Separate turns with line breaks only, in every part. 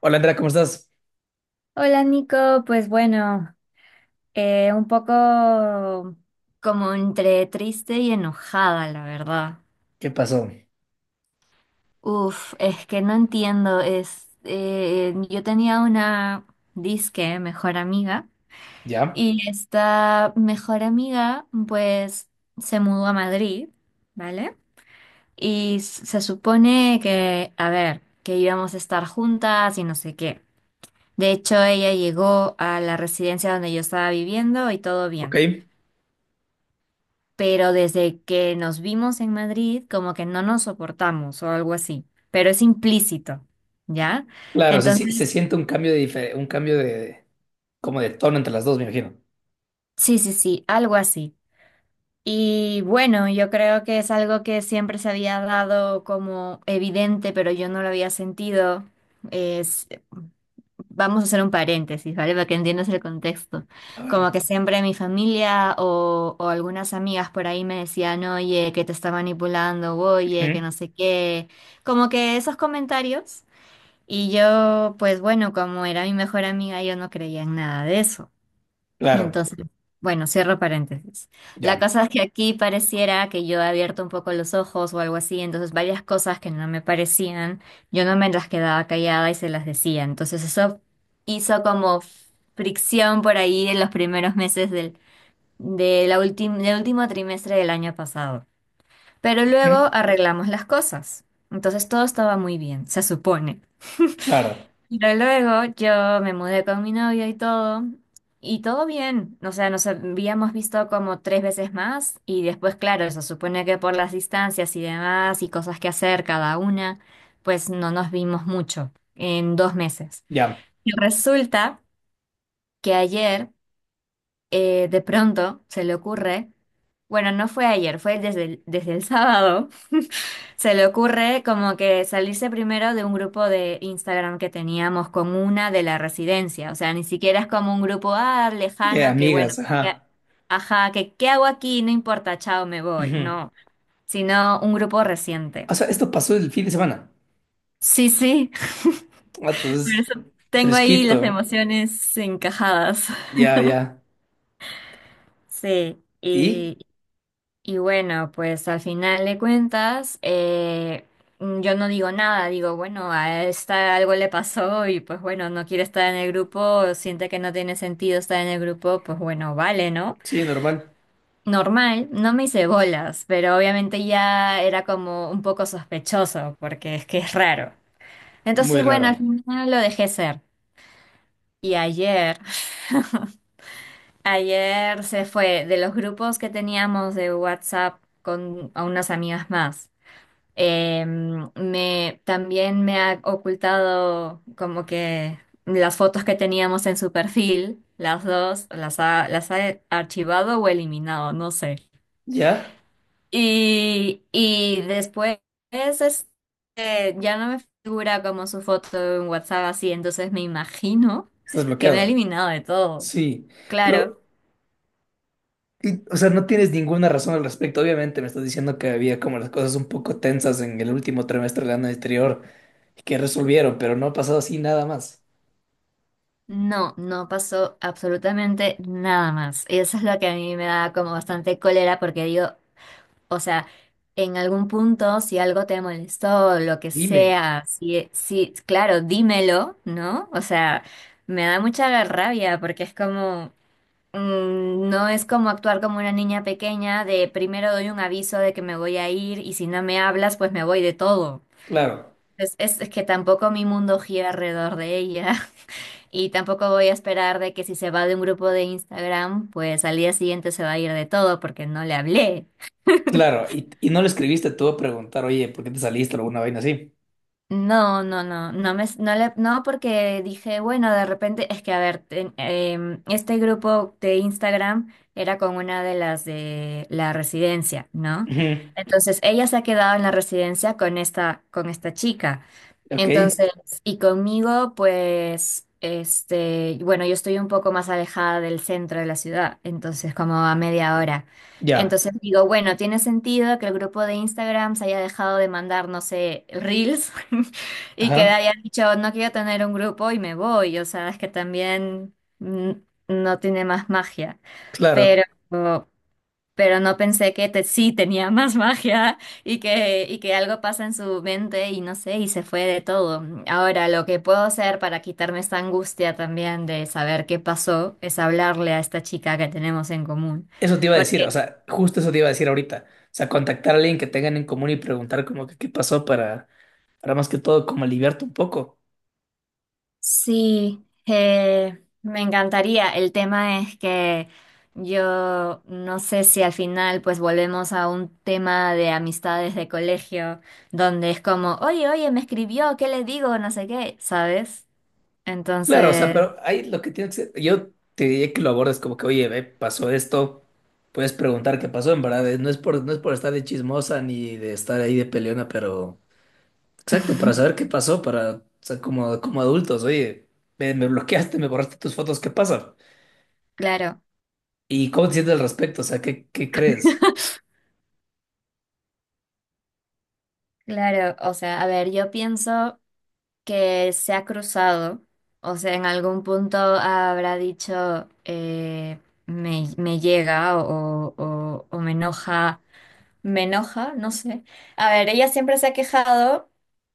Hola Andrea, ¿cómo estás?
Hola Nico, pues bueno, un poco como entre triste y enojada, la verdad.
¿Qué pasó?
Uf, es que no entiendo, yo tenía una disque mejor amiga,
¿Ya?
y esta mejor amiga pues se mudó a Madrid, ¿vale? Y se supone que, a ver, que íbamos a estar juntas y no sé qué. De hecho, ella llegó a la residencia donde yo estaba viviendo y todo
Ok.
bien. Pero desde que nos vimos en Madrid, como que no nos soportamos o algo así, pero es implícito, ¿ya?
Claro, se, si-
Entonces,
se siente un cambio de un cambio de como de tono entre las dos, me imagino.
sí, sí, sí, algo así. Y bueno, yo creo que es algo que siempre se había dado como evidente, pero yo no lo había sentido. Es Vamos a hacer un paréntesis, ¿vale? Para que entiendas el contexto.
A
Como
ver.
que siempre mi familia o algunas amigas por ahí me decían, oye, que te está manipulando, oye, que
Ujú.
no sé qué. Como que esos comentarios. Y yo, pues bueno, como era mi mejor amiga, yo no creía en nada de eso. Y
Claro.
entonces, bueno, cierro paréntesis. La
Ya.
cosa es que aquí pareciera que yo he abierto un poco los ojos o algo así, entonces varias cosas que no me parecían, yo no me las quedaba callada y se las decía. Entonces eso hizo como fricción por ahí en los primeros meses del, de la ultim- del último trimestre del año pasado. Pero
Ujú.
luego arreglamos las cosas. Entonces todo estaba muy bien, se supone.
Claro.
Pero luego yo me mudé con mi novio y todo bien. O sea, nos habíamos visto como tres veces más, y después, claro, se supone que por las distancias y demás, y cosas que hacer cada una, pues no nos vimos mucho en 2 meses.
Ya.
Y resulta que ayer, de pronto, se le ocurre, bueno, no fue ayer, fue desde el sábado. Se le ocurre como que salirse primero de un grupo de Instagram que teníamos con una de la residencia. O sea, ni siquiera es como un grupo, ah,
De
lejano que, bueno,
amigas,
que-
ajá.
ajá, que ¿qué hago aquí? No importa, chao, me voy.
Ujú.
No, sino un grupo reciente.
O sea, esto pasó el fin de semana.
Sí, sí,
Ah,
por
entonces,
eso tengo ahí las
fresquito.
emociones encajadas.
Ya, ya.
Sí.
¿Y?
Y bueno, pues al final de cuentas, yo no digo nada, digo, bueno, a esta algo le pasó y pues bueno, no quiere estar en el grupo, siente que no tiene sentido estar en el grupo, pues bueno, vale, ¿no?
Sí, normal.
Normal, no me hice bolas, pero obviamente ya era como un poco sospechoso, porque es que es raro.
Muy
Entonces, bueno, al
raro.
final lo dejé ser. Y ayer, ayer se fue de los grupos que teníamos de WhatsApp con a unas amigas más. Eh, también me ha ocultado como que las fotos que teníamos en su perfil, las dos, las ha archivado o eliminado, no sé.
¿Ya?
Y después, ya no me figura como su foto en WhatsApp así, entonces me imagino
Estás
que me ha
bloqueado.
eliminado de todo.
Sí.
Claro,
Pero y, o sea, no tienes ninguna razón al respecto. Obviamente me estás diciendo que había como las cosas un poco tensas en el último trimestre del año anterior y que resolvieron, pero no ha pasado así nada más.
no, no pasó absolutamente nada más. Y eso es lo que a mí me da como bastante cólera porque digo... O sea, en algún punto, si algo te molestó, lo que
Dime.
sea, si, si, claro, dímelo, ¿no? O sea, me da mucha rabia porque es como, no es como actuar como una niña pequeña de primero doy un aviso de que me voy a ir y si no me hablas, pues me voy de todo.
Claro,
Es que tampoco mi mundo gira alrededor de ella y tampoco voy a esperar de que si se va de un grupo de Instagram, pues al día siguiente se va a ir de todo porque no le hablé.
claro. Y no le escribiste tú a preguntar, oye, ¿por qué te saliste o alguna vaina así?
No, no, no, no me, no le- no porque dije, bueno, de repente, es que a ver, este grupo de Instagram era con una de las de la residencia, ¿no?
Ujú,
Entonces ella se ha quedado en la residencia con esta chica.
ok,
Entonces, y conmigo, pues, bueno, yo estoy un poco más alejada del centro de la ciudad, entonces como a media hora.
ya.
Entonces digo, bueno, tiene sentido que el grupo de Instagram se haya dejado de mandar, no sé, reels y que
Ajá,
haya dicho, no quiero tener un grupo y me voy. O sea, es que también, mm, no tiene más magia. Pero,
claro.
pero no pensé que sí tenía más magia, y que algo pasa en su mente y no sé, y se fue de todo. Ahora, lo que puedo hacer para quitarme esta angustia también de saber qué pasó es hablarle a esta chica que tenemos en común.
Eso te iba a decir,
Porque
o sea, justo eso te iba a decir ahorita. O sea, contactar a alguien que tengan en común y preguntar como que qué pasó para más que todo como aliviarte un poco.
sí, me encantaría. El tema es que yo no sé si al final pues volvemos a un tema de amistades de colegio donde es como, oye, oye, me escribió, ¿qué le digo? No sé qué, ¿sabes?
Claro, o sea,
Entonces,
pero ahí lo que tienes que... Yo te diría que lo abordes como que, oye, ve, pasó esto, puedes preguntar qué pasó, en verdad, no es por, no es por estar de chismosa ni de estar ahí de peleona, pero... Exacto, para saber qué pasó, para, o sea, como, como adultos, oye, me bloqueaste, me borraste tus fotos, ¿qué pasa?
claro,
¿Y cómo te sientes al respecto? O sea, ¿qué, qué crees?
claro, o sea, a ver, yo pienso que se ha cruzado, o sea, en algún punto habrá dicho, me llega o me enoja, no sé. A ver, ella siempre se ha quejado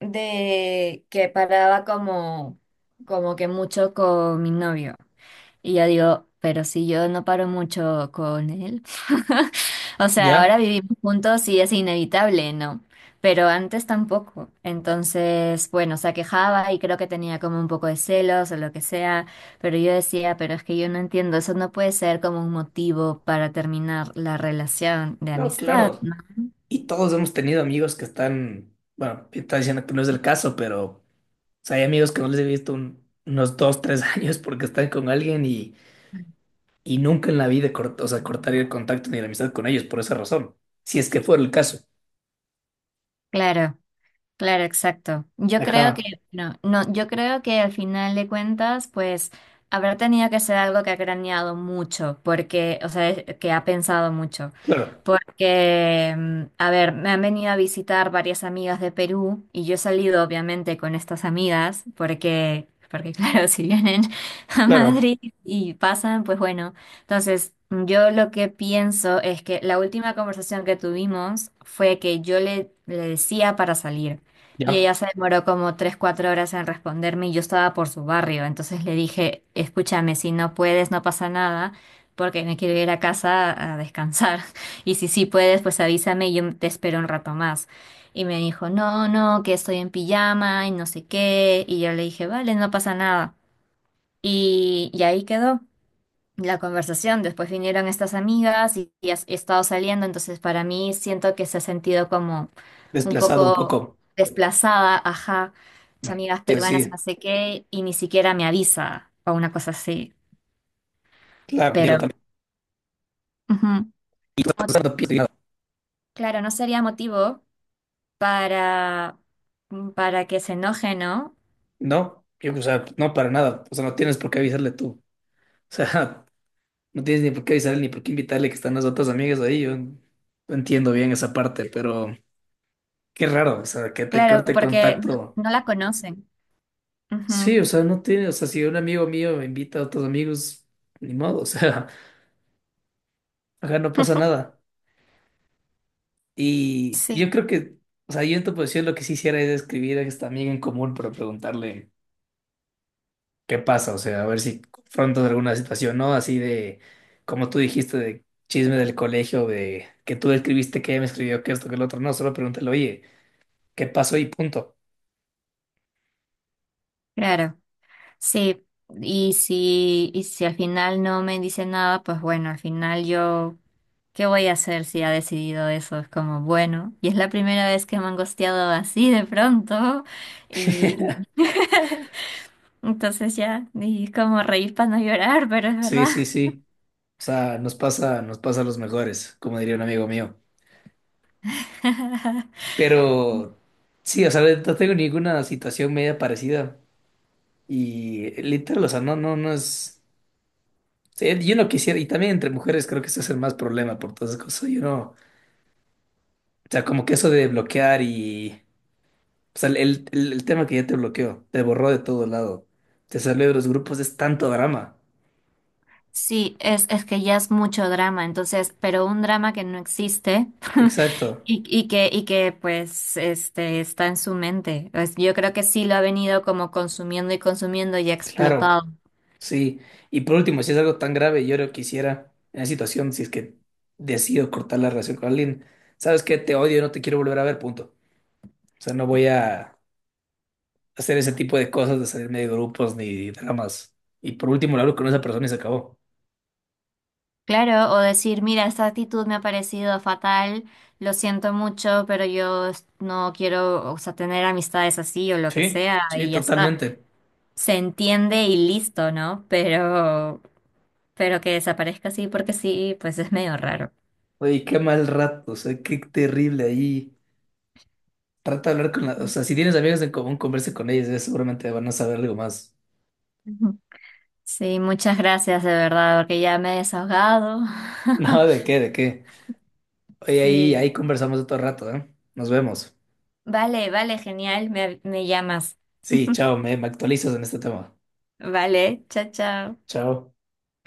de que paraba como que mucho con mi novio. Y yo digo, pero si yo no paro mucho con él. O sea, ahora
¿Ya?
vivimos juntos y es inevitable, ¿no? Pero antes tampoco. Entonces, bueno, se quejaba y creo que tenía como un poco de celos o lo que sea, pero yo decía, pero es que yo no entiendo, eso no puede ser como un motivo para terminar la relación de
No,
amistad,
claro.
¿no?
Y todos hemos tenido amigos que están, bueno, están diciendo que no es el caso, pero... O sea, hay amigos que no les he visto unos dos, tres años porque están con alguien. Y nunca en la vida o sea, cortaría el contacto ni la amistad con ellos por esa razón, si es que fuera el caso.
Claro. Claro, exacto.
Ajá,
No, no, yo creo que al final de cuentas, pues habrá tenido que ser algo que ha craneado mucho, porque, o sea, que ha pensado mucho.
claro,
Porque, a ver, me han venido a visitar varias amigas de Perú y yo he salido obviamente con estas amigas, porque claro, si vienen a
claro,
Madrid y pasan, pues bueno. Entonces, yo lo que pienso es que la última conversación que tuvimos fue que yo le decía para salir. Y
ya,
ella se demoró como 3, 4 horas en responderme y yo estaba por su barrio. Entonces le dije, escúchame, si no puedes, no pasa nada, porque me quiero ir a casa a descansar. Y si sí puedes, pues avísame y yo te espero un rato más. Y me dijo, no, no, que estoy en pijama y no sé qué. Y yo le dije, vale, no pasa nada. Y ahí quedó la conversación. Después vinieron estas amigas y he estado saliendo, entonces para mí siento que se ha sentido como un
desplazado un
poco
poco.
desplazada, ajá, mis amigas
Sí,
peruanas, no
sí,
sé qué, y ni siquiera me avisa o una cosa así.
claro,
Pero,
Diego, también.
ujú,
Y tú estás
mo-
dando
claro, no sería motivo para, para que se enoje, ¿no?
no, yo, o sea, no para nada, o sea, no tienes por qué avisarle tú. O sea, no tienes ni por qué avisarle ni por qué invitarle que están las otras amigas ahí. Yo no entiendo bien esa parte, pero qué raro, o sea, que te
Claro,
corte
porque no,
contacto.
no la conocen.
Sí,
Ujú,
o sea, no tiene, o sea, si un amigo mío invita a otros amigos, ni modo, o sea. Ajá, no pasa nada. Y yo
sí,
creo que, o sea, yo en tu posición lo que sí hiciera es escribir a esta amiga en común para preguntarle qué pasa, o sea, a ver si confrontas alguna situación, ¿no? Así de, como tú dijiste, de chisme del colegio, de que tú escribiste que ella me escribió que esto, que el otro, no, solo pregúntale, oye, ¿qué pasó? Y punto.
claro. Sí, y si al final no me dice nada, pues bueno, al final yo, ¿qué voy a hacer si ha decidido eso? Es como, bueno, y es la primera vez que me han gosteado así de pronto, y y entonces ya, y es como reír para no llorar, pero es
Sí,
verdad.
sí, sí. O sea, nos pasa a los mejores, como diría un amigo mío. Pero sí, o sea, no tengo ninguna situación media parecida. Y literal, o sea, no, no, no es. Sí, yo no quisiera, y también entre mujeres creo que eso es el más problema por todas esas cosas. Yo no. O sea, como que eso de bloquear y. O sea, el tema que ya te bloqueó, te borró de todo lado, te salió de los grupos, es tanto drama.
Sí, es que ya es mucho drama, entonces, pero un drama que no existe
Exacto,
y que pues este está en su mente. Pues, yo creo que sí lo ha venido como consumiendo y consumiendo y ha
claro,
explotado.
sí. Y por último, si es algo tan grave, yo no quisiera, en la situación, si es que decido cortar la relación con alguien, ¿sabes qué? Te odio, no te quiero volver a ver, punto. O sea, no voy a hacer ese tipo de cosas, de salirme de grupos ni dramas. Y por último, le hablo con esa persona y se acabó.
Claro, o decir, mira, esta actitud me ha parecido fatal, lo siento mucho, pero yo no quiero, o sea, tener amistades así o lo que
Sí,
sea,
sí,
y ya está.
totalmente.
Se entiende y listo, ¿no? Pero que desaparezca así porque sí, pues es medio raro.
Oye, qué mal rato, o sea, qué terrible ahí. Trata de hablar con la, o sea, si tienes amigos en común, converse con ellos, ellos seguramente van a saber algo más.
Ujú. Sí, muchas gracias de verdad, porque ya me he desahogado.
No, ¿de qué? ¿De qué? Oye, ahí,
Sí.
ahí conversamos otro rato, ¿eh? Nos vemos.
Vale, vale, genial, me llamas.
Sí, chao, me actualizas en este tema.
Vale, chao, chao.
Chao.